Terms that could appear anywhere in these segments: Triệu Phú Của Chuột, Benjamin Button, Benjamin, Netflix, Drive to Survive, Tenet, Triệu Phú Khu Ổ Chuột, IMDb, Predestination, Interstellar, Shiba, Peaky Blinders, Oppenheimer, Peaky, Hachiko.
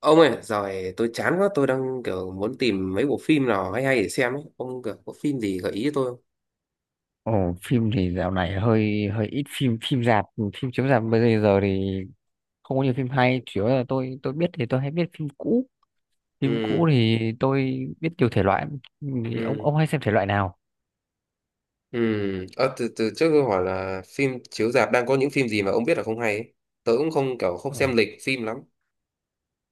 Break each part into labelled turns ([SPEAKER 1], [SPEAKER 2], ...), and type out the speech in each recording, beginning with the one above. [SPEAKER 1] Ông ơi rồi tôi chán quá tôi đang kiểu muốn tìm mấy bộ phim nào hay hay để xem ấy, ông kiểu có phim gì gợi ý cho tôi không?
[SPEAKER 2] Ồ, phim thì dạo này hơi hơi ít phim phim rạp, phim chiếu rạp bây giờ thì không có nhiều phim hay, chủ yếu là tôi biết thì tôi hay biết phim cũ. Phim
[SPEAKER 1] Ừ,
[SPEAKER 2] cũ thì tôi biết nhiều thể loại, thì ông
[SPEAKER 1] ừ,
[SPEAKER 2] ông hay xem thể loại nào?
[SPEAKER 1] ừ. Ờ, từ từ trước tôi hỏi là phim chiếu rạp đang có những phim gì mà ông biết là không hay ấy. Tớ cũng không kiểu không
[SPEAKER 2] Ờ,
[SPEAKER 1] xem lịch phim lắm.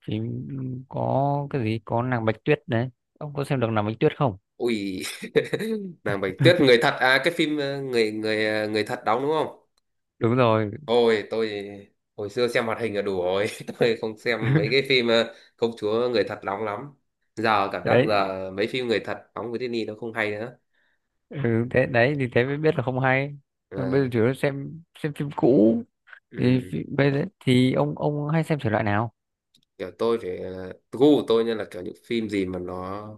[SPEAKER 2] phim có cái gì có nàng Bạch Tuyết đấy, ông có xem được nàng Bạch Tuyết không?
[SPEAKER 1] Ui, nàng Bạch Tuyết người thật à? Cái phim người người ờ, người thật đóng đúng không?
[SPEAKER 2] Đúng rồi.
[SPEAKER 1] Ôi tôi hồi xưa xem hoạt hình là đủ rồi, tôi không xem mấy cái phim công chúa người thật đóng lắm. Giờ cảm giác
[SPEAKER 2] Đấy,
[SPEAKER 1] là mấy phim người thật đóng với Disney nó không hay.
[SPEAKER 2] ừ, thế đấy thì thế mới biết là không hay. Còn bây
[SPEAKER 1] À,
[SPEAKER 2] giờ chủ yếu là xem phim cũ thì
[SPEAKER 1] ừ.
[SPEAKER 2] bây giờ thì ông hay xem thể loại nào?
[SPEAKER 1] Kiểu tôi thì gu của tôi nha là kiểu những phim gì mà nó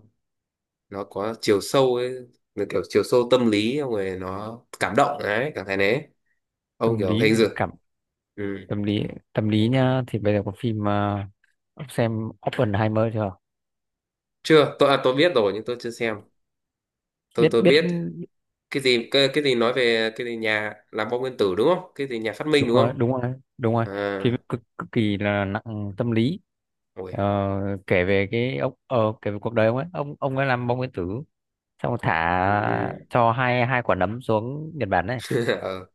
[SPEAKER 1] nó có chiều sâu ấy, là kiểu chiều sâu tâm lý, xong rồi nó cảm động đấy, cảm thấy đấy. Ông
[SPEAKER 2] Tâm
[SPEAKER 1] kiểu
[SPEAKER 2] lý,
[SPEAKER 1] hình dự.
[SPEAKER 2] cảm,
[SPEAKER 1] Ừ.
[SPEAKER 2] tâm lý. Tâm lý nhá thì bây giờ có phim ông xem Oppenheimer chưa?
[SPEAKER 1] Chưa, tôi tôi biết rồi nhưng tôi chưa xem. tôi
[SPEAKER 2] biết
[SPEAKER 1] tôi
[SPEAKER 2] biết
[SPEAKER 1] biết cái gì cái gì nói về cái gì nhà làm bom nguyên tử đúng không, cái gì nhà phát minh
[SPEAKER 2] Đúng
[SPEAKER 1] đúng
[SPEAKER 2] rồi,
[SPEAKER 1] không?
[SPEAKER 2] đúng rồi, đúng rồi.
[SPEAKER 1] À.
[SPEAKER 2] Phim cực cực kỳ là nặng tâm lý.
[SPEAKER 1] Ôi.
[SPEAKER 2] Ờ, kể về cái ông, kể về cuộc đời ông ấy, ông ấy làm bom nguyên tử, xong rồi
[SPEAKER 1] Ừ.
[SPEAKER 2] thả cho hai hai quả nấm xuống Nhật Bản này.
[SPEAKER 1] Ờ.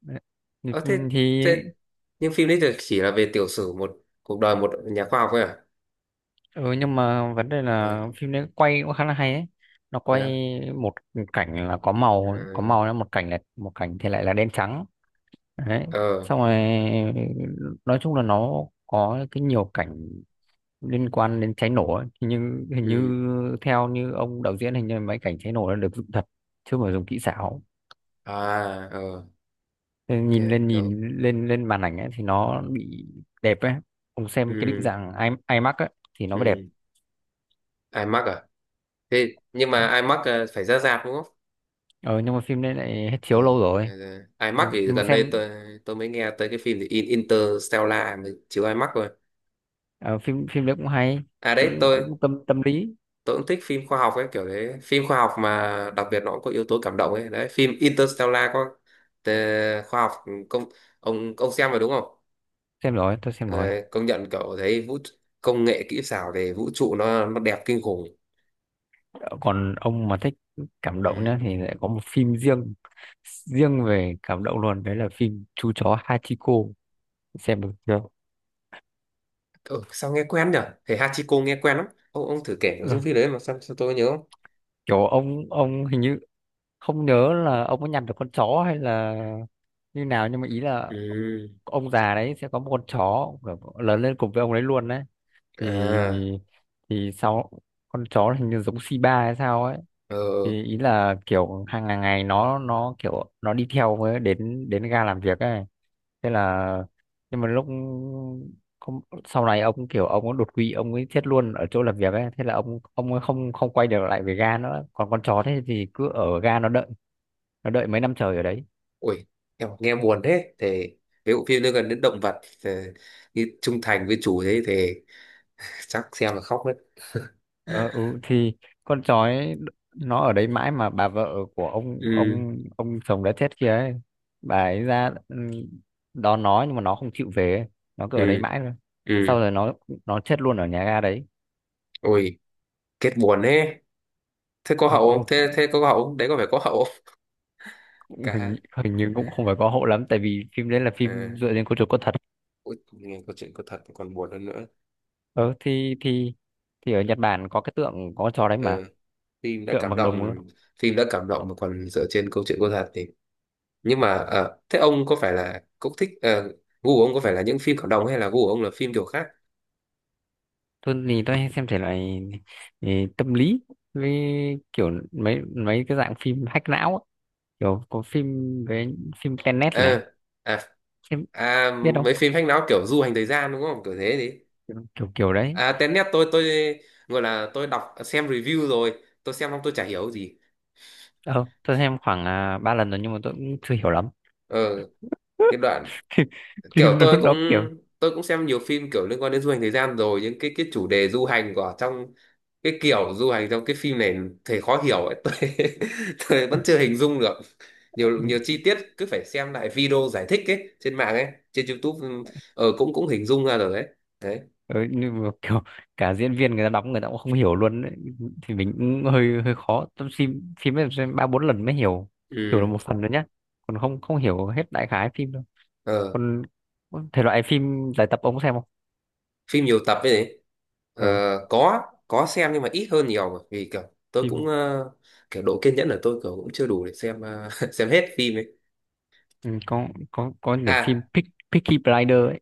[SPEAKER 2] Đấy. thì,
[SPEAKER 1] Ờ, thế,
[SPEAKER 2] thì
[SPEAKER 1] thế nhưng phim đấy thì chỉ là về tiểu sử một, cuộc đời một nhà khoa học thôi à?
[SPEAKER 2] ừ, nhưng mà vấn đề
[SPEAKER 1] Ừ.
[SPEAKER 2] là phim đấy quay cũng khá là hay ấy, nó
[SPEAKER 1] Thế
[SPEAKER 2] quay
[SPEAKER 1] à?
[SPEAKER 2] một cảnh là có màu, có
[SPEAKER 1] Ừ.
[SPEAKER 2] màu là một cảnh, là một cảnh thì lại là đen trắng. Đấy,
[SPEAKER 1] Ờ.
[SPEAKER 2] xong rồi nói chung là nó có cái nhiều cảnh liên quan đến cháy nổ ấy. Hình như, hình như
[SPEAKER 1] Ừ.
[SPEAKER 2] theo như ông đạo diễn, hình như mấy cảnh cháy nổ nó được dựng thật chứ không phải dùng kỹ xảo.
[SPEAKER 1] À. Ờ.
[SPEAKER 2] Thế
[SPEAKER 1] OK.
[SPEAKER 2] nhìn lên, nhìn
[SPEAKER 1] OK.
[SPEAKER 2] lên lên màn ảnh ấy thì nó bị đẹp ấy. Ông xem cái định
[SPEAKER 1] Ừ.
[SPEAKER 2] dạng IMAX ấy thì nó mới đẹp.
[SPEAKER 1] Ừ. iMac à? Thế nhưng mà iMac phải ra rạp đúng không?
[SPEAKER 2] Ờ, nhưng mà phim đấy lại hết chiếu
[SPEAKER 1] Ờ.
[SPEAKER 2] lâu rồi.
[SPEAKER 1] iMac
[SPEAKER 2] Ừ,
[SPEAKER 1] thì
[SPEAKER 2] nhưng mà
[SPEAKER 1] gần đây
[SPEAKER 2] xem
[SPEAKER 1] tôi mới nghe tới cái phim thì Interstellar mới chiếu iMac rồi.
[SPEAKER 2] ờ, phim phim đấy cũng hay,
[SPEAKER 1] À đấy
[SPEAKER 2] cũng
[SPEAKER 1] tôi
[SPEAKER 2] cũng tâm tâm lý.
[SPEAKER 1] tôi cũng thích phim khoa học ấy, kiểu đấy phim khoa học mà đặc biệt nó cũng có yếu tố cảm động ấy, đấy phim Interstellar có. ờ, Khoa học công. Ông xem rồi đúng không?
[SPEAKER 2] Xem rồi, tôi xem rồi.
[SPEAKER 1] Đấy, công nhận kiểu thấy vũ, công nghệ kỹ xảo về vũ trụ nó đẹp kinh khủng.
[SPEAKER 2] Còn ông mà thích cảm động
[SPEAKER 1] Ừ.
[SPEAKER 2] nhá thì lại có một phim riêng, riêng về cảm động luôn, đấy là phim chú chó Hachiko, xem được chưa?
[SPEAKER 1] Ừ, sao nghe quen nhỉ. Thầy Hachiko nghe quen lắm. Ông thử kể nội
[SPEAKER 2] Ừ,
[SPEAKER 1] dung phim đấy mà sao tôi nhớ không?
[SPEAKER 2] kiểu ông hình như không nhớ là ông có nhặt được con chó hay là như nào, nhưng mà ý là
[SPEAKER 1] Ừ.
[SPEAKER 2] ông già đấy sẽ có một con chó kiểu lớn lên cùng với ông đấy luôn đấy. thì
[SPEAKER 1] À.
[SPEAKER 2] thì sau, con chó hình như giống Shiba hay sao ấy,
[SPEAKER 1] Ờ.
[SPEAKER 2] thì ý là kiểu hàng ngày ngày nó kiểu nó đi theo với đến đến ga làm việc ấy. Thế là, nhưng mà lúc không, sau này ông kiểu ông có đột quỵ, ông ấy chết luôn ở chỗ làm việc ấy. Thế là ông ấy không không quay được lại về ga nữa, còn con chó thế thì cứ ở ga nó đợi, nó đợi mấy năm trời ở đấy.
[SPEAKER 1] Ui. Em nghe buồn thế thì, cái bộ phim nó gần đến động vật thì, như trung thành với chủ thế thì chắc xem là khóc đấy.
[SPEAKER 2] Ờ, ừ, thì con sói nó ở đấy mãi, mà bà vợ của ông,
[SPEAKER 1] Ừ.
[SPEAKER 2] ông chồng đã chết kia ấy, bà ấy ra ừ, đón nó nhưng mà nó không chịu về ấy. Nó cứ ở đấy
[SPEAKER 1] Ừ.
[SPEAKER 2] mãi thôi, sau
[SPEAKER 1] Ừ.
[SPEAKER 2] rồi nó chết luôn ở nhà ga đấy.
[SPEAKER 1] Ui. Kết buồn thế. Thế có
[SPEAKER 2] Ờ,
[SPEAKER 1] hậu không,
[SPEAKER 2] ừ,
[SPEAKER 1] thế thế có hậu không đấy, có phải có hậu không?
[SPEAKER 2] cũng
[SPEAKER 1] Cả hai.
[SPEAKER 2] hình, hình như cũng không phải có hộ lắm tại vì phim đấy là phim
[SPEAKER 1] À.
[SPEAKER 2] dựa trên câu chuyện có thật.
[SPEAKER 1] Ui, nghe câu chuyện có thật còn buồn hơn nữa.
[SPEAKER 2] Ờ, thì thì ở Nhật Bản có cái tượng có con chó đấy
[SPEAKER 1] Ờ,
[SPEAKER 2] mà,
[SPEAKER 1] phim đã
[SPEAKER 2] tượng
[SPEAKER 1] cảm
[SPEAKER 2] bằng đồng luôn.
[SPEAKER 1] động phim đã cảm động mà còn dựa trên câu chuyện có thật thì. Nhưng mà thế ông có phải là cũng thích gu của ông có phải là những phim cộng đồng hay là gu của ông là phim kiểu khác?
[SPEAKER 2] Tôi thì tôi hay xem thể loại ừ, tâm lý, với kiểu mấy mấy cái dạng phim hack não ấy, kiểu có phim với phim Tenet này,
[SPEAKER 1] À. À.
[SPEAKER 2] em
[SPEAKER 1] À.
[SPEAKER 2] biết không?
[SPEAKER 1] Mấy phim hack não kiểu du hành thời gian đúng không, kiểu thế đi.
[SPEAKER 2] Kiểu kiểu, kiểu đấy.
[SPEAKER 1] À Tenet tôi gọi là tôi đọc xem review rồi tôi xem xong tôi chả hiểu gì.
[SPEAKER 2] Ờ, tôi xem khoảng ba lần rồi nhưng mà tôi cũng chưa hiểu lắm.
[SPEAKER 1] Ờ. Cái đoạn kiểu
[SPEAKER 2] Phim nó kiểu
[SPEAKER 1] tôi cũng xem nhiều phim kiểu liên quan đến du hành thời gian rồi, những cái chủ đề du hành của trong cái kiểu du hành trong cái phim này thì khó hiểu ấy. Tôi vẫn chưa hình dung được. Nhiều nhiều chi tiết cứ phải xem lại video giải thích ấy trên mạng ấy. Trên YouTube. Ừ, cũng cũng hình dung ra rồi đấy. Đấy.
[SPEAKER 2] ừ, nhưng mà kiểu cả diễn viên người ta đóng người ta cũng không hiểu luôn ấy. Thì mình cũng hơi hơi khó, tôi phim phim ấy xem ba bốn lần mới hiểu, hiểu được
[SPEAKER 1] Ừ.
[SPEAKER 2] một phần rồi nhá, còn không không hiểu hết đại khái phim đâu.
[SPEAKER 1] ờ
[SPEAKER 2] Còn thể loại phim giải tập ông có xem không?
[SPEAKER 1] Phim nhiều tập ấy nhỉ? Ờ,
[SPEAKER 2] Ừ,
[SPEAKER 1] có. Có xem nhưng mà ít hơn nhiều mà vì kiểu tôi cũng
[SPEAKER 2] phim
[SPEAKER 1] kiểu độ kiên nhẫn của tôi kiểu cũng chưa đủ để xem xem hết phim ấy.
[SPEAKER 2] ừ, có điểm
[SPEAKER 1] À
[SPEAKER 2] phim Peaky Blinders ấy.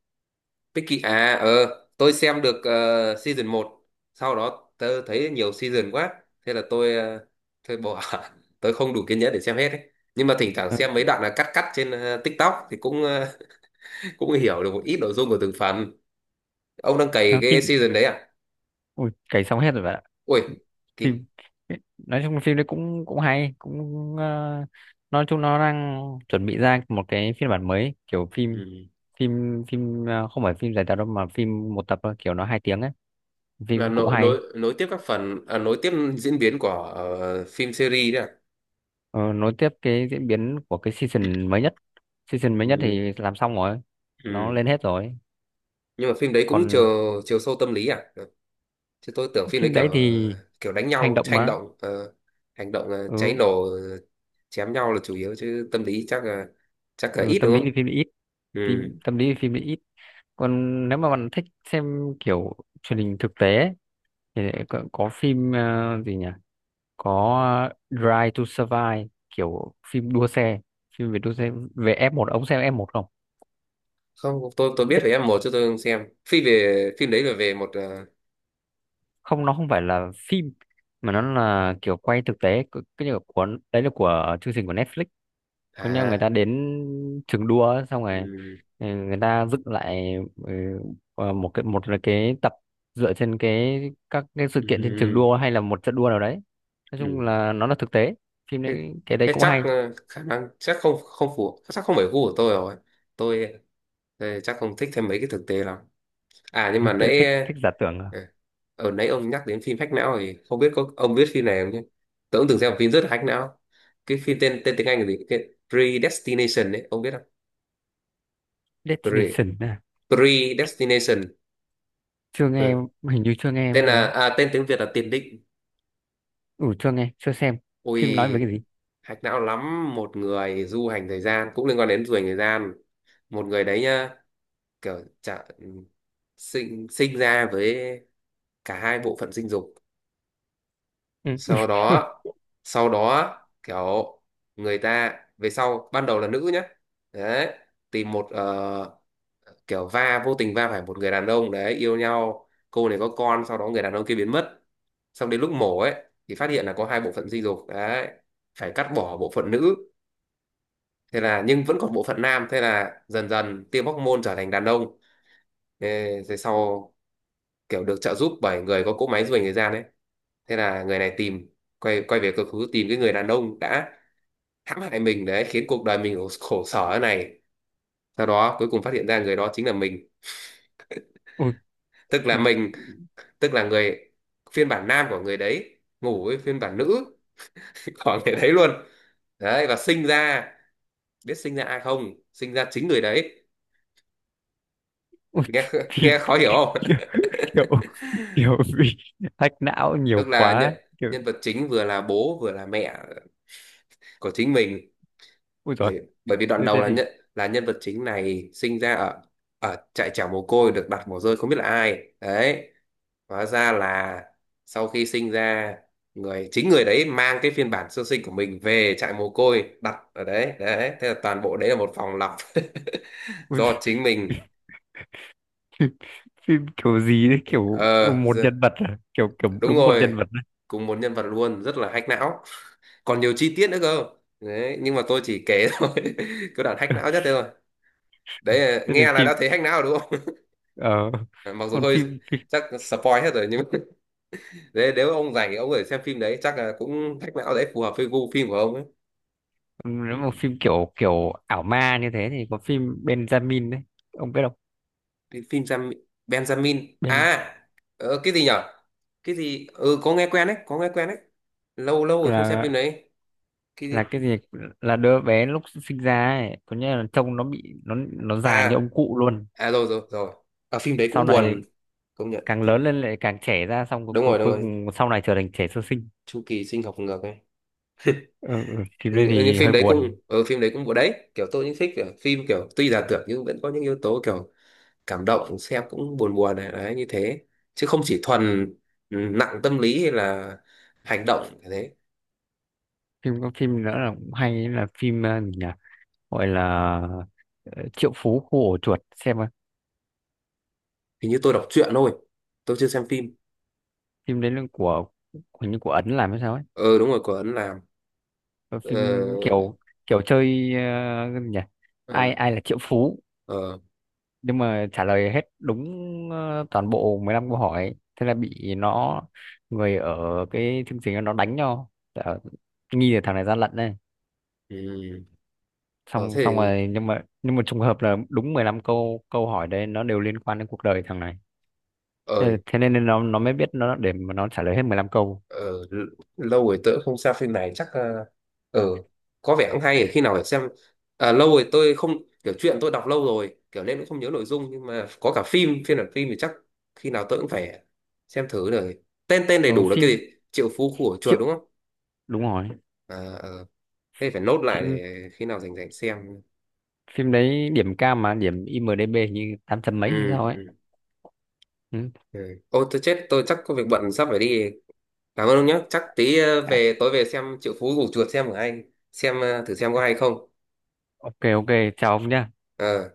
[SPEAKER 1] Peaky à? Ờ. Tôi xem được season một, sau đó tớ thấy nhiều season quá, thế là tôi bỏ. Tôi không đủ kiên nhẫn để xem hết ấy. Nhưng mà thỉnh thoảng
[SPEAKER 2] Ừ.
[SPEAKER 1] xem mấy đoạn là cắt cắt trên TikTok thì cũng cũng hiểu được một ít nội dung của từng phần. Ông đang cày
[SPEAKER 2] Ờ, phim
[SPEAKER 1] cái season đấy à?
[SPEAKER 2] ui, cày xong hết rồi bạn ạ.
[SPEAKER 1] Ui. Kỳ.
[SPEAKER 2] Phim nói chung phim đấy cũng cũng hay cũng ờ, nói chung nó đang chuẩn bị ra một cái phiên bản mới kiểu phim,
[SPEAKER 1] Ừ.
[SPEAKER 2] phim phim ờ, không phải phim dài tập đâu mà phim một tập thôi, kiểu nó hai tiếng ấy,
[SPEAKER 1] Là
[SPEAKER 2] phim cũng
[SPEAKER 1] nối
[SPEAKER 2] hay.
[SPEAKER 1] nối nối tiếp các phần à, nối tiếp diễn biến của phim series đấy à?
[SPEAKER 2] Ờ, nối tiếp cái diễn biến của cái season mới nhất, season mới nhất
[SPEAKER 1] Ừ.
[SPEAKER 2] thì làm xong rồi, nó
[SPEAKER 1] Ừ.
[SPEAKER 2] lên hết rồi.
[SPEAKER 1] Nhưng mà phim đấy cũng
[SPEAKER 2] Còn
[SPEAKER 1] chiều chiều sâu tâm lý à? Chứ tôi tưởng phim đấy
[SPEAKER 2] phim đấy
[SPEAKER 1] kiểu
[SPEAKER 2] thì
[SPEAKER 1] kiểu đánh
[SPEAKER 2] hành
[SPEAKER 1] nhau
[SPEAKER 2] động
[SPEAKER 1] hành
[SPEAKER 2] mà
[SPEAKER 1] động hành động cháy
[SPEAKER 2] ừ,
[SPEAKER 1] nổ chém nhau là chủ yếu, chứ tâm lý chắc là
[SPEAKER 2] ừ,
[SPEAKER 1] ít
[SPEAKER 2] tâm
[SPEAKER 1] đúng
[SPEAKER 2] lý
[SPEAKER 1] không?
[SPEAKER 2] thì phim ít.
[SPEAKER 1] Ừ.
[SPEAKER 2] Tâm lý thì phim ít. Còn nếu mà bạn thích xem kiểu truyền hình thực tế ấy, thì có phim ờ, gì nhỉ, có Drive to Survive kiểu phim đua xe, phim về đua xe về F1, ông xem F1 không?
[SPEAKER 1] Không, tôi biết
[SPEAKER 2] Biết-
[SPEAKER 1] về em một chứ tôi không xem phim về phim đấy là về một
[SPEAKER 2] Không, nó không phải là phim mà nó là kiểu quay thực tế, cái như là của, đấy là của chương trình của Netflix. Có nghĩa người
[SPEAKER 1] À.
[SPEAKER 2] ta đến trường đua ấy, xong rồi
[SPEAKER 1] Ừ.
[SPEAKER 2] ừ, người ta dựng lại, ừ, ờ, một cái, một là cái tập dựa trên cái các cái sự
[SPEAKER 1] Ừ.
[SPEAKER 2] kiện trên trường đua hay là một trận đua nào đấy. Nói chung
[SPEAKER 1] Ừ.
[SPEAKER 2] là nó là thực tế, phim
[SPEAKER 1] thế,
[SPEAKER 2] đấy, cái đấy
[SPEAKER 1] thế
[SPEAKER 2] cũng
[SPEAKER 1] chắc
[SPEAKER 2] hay.
[SPEAKER 1] khả năng chắc không không phù, chắc không phải gu của tôi rồi. Tôi, chắc không thích thêm mấy cái thực tế lắm. À nhưng mà
[SPEAKER 2] Tôi
[SPEAKER 1] nãy
[SPEAKER 2] thích
[SPEAKER 1] à,
[SPEAKER 2] thích giả tưởng à.
[SPEAKER 1] ở nãy ông nhắc đến phim hack não thì không biết ông biết phim này không chứ. Tôi cũng từng xem một phim rất là hack não. Cái phim tên tên tiếng Anh là gì cái Predestination ấy ông biết không? Pre
[SPEAKER 2] Destination à.
[SPEAKER 1] Predestination.
[SPEAKER 2] Chưa nghe,
[SPEAKER 1] Ờ.
[SPEAKER 2] hình như chưa nghe bao giờ.
[SPEAKER 1] Tên tiếng Việt là tiền định.
[SPEAKER 2] Ừ, chưa nghe chưa xem, phim nói về cái
[SPEAKER 1] Ui.
[SPEAKER 2] gì?
[SPEAKER 1] Hack não lắm, một người du hành thời gian cũng liên quan đến du hành thời gian. Một người đấy nhá, kiểu sinh sinh ra với cả hai bộ phận sinh dục.
[SPEAKER 2] Ừ.
[SPEAKER 1] Sau đó, sau đó kiểu người ta về sau ban đầu là nữ nhá. Đấy, tìm một kiểu vô tình va phải một người đàn ông đấy, yêu nhau, cô này có con, sau đó người đàn ông kia biến mất. Xong đến lúc mổ ấy thì phát hiện là có hai bộ phận sinh dục đấy. Phải cắt bỏ bộ phận nữ. Thế là nhưng vẫn còn bộ phận nam, thế là dần dần tiêm hóc môn trở thành đàn ông. Ê, thế sau kiểu được trợ giúp bởi người có cỗ máy du hành thời gian ấy. Thế là người này tìm, quay quay về quá khứ tìm cái người đàn ông đã hãm hại mình đấy, khiến cuộc đời mình khổ sở thế này. Sau đó cuối cùng phát hiện ra người đó chính là mình.
[SPEAKER 2] Ôi,
[SPEAKER 1] tức là
[SPEAKER 2] phim
[SPEAKER 1] mình tức là người phiên bản nam của người đấy ngủ với phiên bản nữ. Của người đấy luôn. Đấy và sinh ra, biết sinh ra ai không, sinh ra chính người đấy.
[SPEAKER 2] ôi,
[SPEAKER 1] Nghe
[SPEAKER 2] phim
[SPEAKER 1] nghe khó hiểu
[SPEAKER 2] kiểu,
[SPEAKER 1] không?
[SPEAKER 2] kiểu kiểu bị hack não
[SPEAKER 1] Tức
[SPEAKER 2] nhiều
[SPEAKER 1] là nhân
[SPEAKER 2] quá kiểu.
[SPEAKER 1] nhân vật chính vừa là bố vừa là mẹ của chính mình.
[SPEAKER 2] Ui, thế
[SPEAKER 1] Bởi bởi vì đoạn đầu
[SPEAKER 2] thế
[SPEAKER 1] là
[SPEAKER 2] thì
[SPEAKER 1] nhận, là nhân vật chính này sinh ra ở ở trại chảo mồ côi, được đặt mồ rơi không biết là ai đấy. Hóa ra là sau khi sinh ra, chính người đấy mang cái phiên bản sơ sinh của mình về trại mồ côi đặt ở đấy, đấy thế là toàn bộ đấy là một phòng lọc.
[SPEAKER 2] ui,
[SPEAKER 1] Do chính mình.
[SPEAKER 2] phim, phim kiểu gì đấy kiểu
[SPEAKER 1] ờ
[SPEAKER 2] một
[SPEAKER 1] giờ-
[SPEAKER 2] nhân vật à, kiểu kiểu
[SPEAKER 1] Đúng
[SPEAKER 2] đúng một
[SPEAKER 1] rồi.
[SPEAKER 2] nhân vật đấy.
[SPEAKER 1] Cùng một nhân vật luôn rất là hack não. Còn nhiều chi tiết nữa cơ. Đấy nhưng mà tôi chỉ kể thôi. Cái đoạn hack não nhất thế thôi. Đấy
[SPEAKER 2] Thế nên
[SPEAKER 1] nghe là
[SPEAKER 2] phim
[SPEAKER 1] đã thấy hack não rồi đúng không?
[SPEAKER 2] ờ,
[SPEAKER 1] Ờ, mặc dù
[SPEAKER 2] còn
[SPEAKER 1] hơi,
[SPEAKER 2] phim,
[SPEAKER 1] chắc spoil hết rồi nhưng mà, đấy, nếu ông rảnh thì ông có thể xem phim đấy chắc là cũng thách não đấy, phù hợp với gu phim của ông ấy.
[SPEAKER 2] nếu mà phim kiểu kiểu ảo ma như thế thì có phim Benjamin đấy, ông biết không?
[SPEAKER 1] Cái phim Benjamin
[SPEAKER 2] Ben
[SPEAKER 1] à? Ờ, cái gì nhở. Cái gì. Ừ có nghe quen đấy, có nghe quen đấy. Lâu lâu rồi không xem phim
[SPEAKER 2] là
[SPEAKER 1] đấy. Cái
[SPEAKER 2] là
[SPEAKER 1] gì.
[SPEAKER 2] cái gì, là đứa bé lúc sinh ra ấy có nghĩa là trông nó bị, nó già như
[SPEAKER 1] À.
[SPEAKER 2] ông cụ luôn,
[SPEAKER 1] À, rồi rồi rồi. Ở phim đấy
[SPEAKER 2] sau
[SPEAKER 1] cũng
[SPEAKER 2] này
[SPEAKER 1] buồn. Công nhận
[SPEAKER 2] càng lớn
[SPEAKER 1] phim.
[SPEAKER 2] lên lại càng trẻ ra, xong
[SPEAKER 1] Đúng rồi, đúng
[SPEAKER 2] cuối
[SPEAKER 1] rồi.
[SPEAKER 2] cùng sau này trở thành trẻ sơ sinh.
[SPEAKER 1] Chu kỳ sinh học ngược ấy.
[SPEAKER 2] Ừ, ừ, phim
[SPEAKER 1] Ừ,
[SPEAKER 2] đây
[SPEAKER 1] nhưng
[SPEAKER 2] thì
[SPEAKER 1] phim
[SPEAKER 2] hơi
[SPEAKER 1] đấy cũng,
[SPEAKER 2] buồn.
[SPEAKER 1] ở phim đấy cũng buồn đấy, kiểu tôi cũng thích kiểu phim kiểu tuy là tưởng nhưng vẫn có những yếu tố kiểu cảm động, xem cũng buồn buồn này đấy như thế. Chứ không chỉ thuần, ừ, nặng tâm lý hay là hành động như thế.
[SPEAKER 2] Phim có phim nữa là cũng hay là phim ờ, gì nhỉ, gọi là ờ, Triệu Phú Khu Ổ Chuột xem coi.
[SPEAKER 1] Hình như tôi đọc truyện thôi, tôi chưa xem phim.
[SPEAKER 2] Phim đấy là của, hình như của Ấn làm hay sao ấy.
[SPEAKER 1] Ờ đúng rồi, của Ấn làm.
[SPEAKER 2] Ờ, phim
[SPEAKER 1] Ờ.
[SPEAKER 2] kiểu kiểu chơi ờ, cái gì nhỉ,
[SPEAKER 1] Ờ.
[SPEAKER 2] ai ai là Triệu Phú,
[SPEAKER 1] Ờ.
[SPEAKER 2] nhưng mà trả lời hết đúng ờ, toàn bộ 15 câu hỏi. Thế là bị nó, người ở cái chương trình đó nó đánh nhau. Ờ, nghi là thằng này gian lận đây,
[SPEAKER 1] Ừ. Ờ
[SPEAKER 2] xong
[SPEAKER 1] thế thì.
[SPEAKER 2] xong rồi nhưng mà trùng hợp là đúng 15 câu câu hỏi đấy nó đều liên quan đến cuộc đời thằng này.
[SPEAKER 1] Ờ.
[SPEAKER 2] Thế nên nó mới biết nó để mà nó trả lời hết 15 câu.
[SPEAKER 1] Ờ, lâu rồi tớ không xem phim này chắc. Ờ, ờ, có vẻ cũng hay, khi nào phải xem. À, lâu rồi tôi không, kiểu chuyện tôi đọc lâu rồi kiểu nên cũng không nhớ nội dung, nhưng mà có cả phim phiên bản phim thì chắc khi nào tôi cũng phải xem thử rồi. Tên tên đầy
[SPEAKER 2] Ờ,
[SPEAKER 1] đủ là cái
[SPEAKER 2] phim
[SPEAKER 1] gì, Triệu Phú Của Chuột
[SPEAKER 2] triệu,
[SPEAKER 1] đúng không?
[SPEAKER 2] đúng rồi.
[SPEAKER 1] À, ờ, thế phải nốt lại
[SPEAKER 2] phim
[SPEAKER 1] để khi nào rảnh rảnh xem.
[SPEAKER 2] phim đấy điểm cao mà, điểm IMDb như 800 mấy hay
[SPEAKER 1] Ừ,
[SPEAKER 2] sao ấy.
[SPEAKER 1] ừ,
[SPEAKER 2] Ừ.
[SPEAKER 1] ừ. Ô tôi chết, tôi chắc có việc bận sắp phải đi. Cảm ơn ông nhé, chắc tí
[SPEAKER 2] À,
[SPEAKER 1] về tối về xem Triệu Phú Của Chuột xem của anh, xem thử xem có hay không.
[SPEAKER 2] ok ok, chào ông nhá.
[SPEAKER 1] Ờ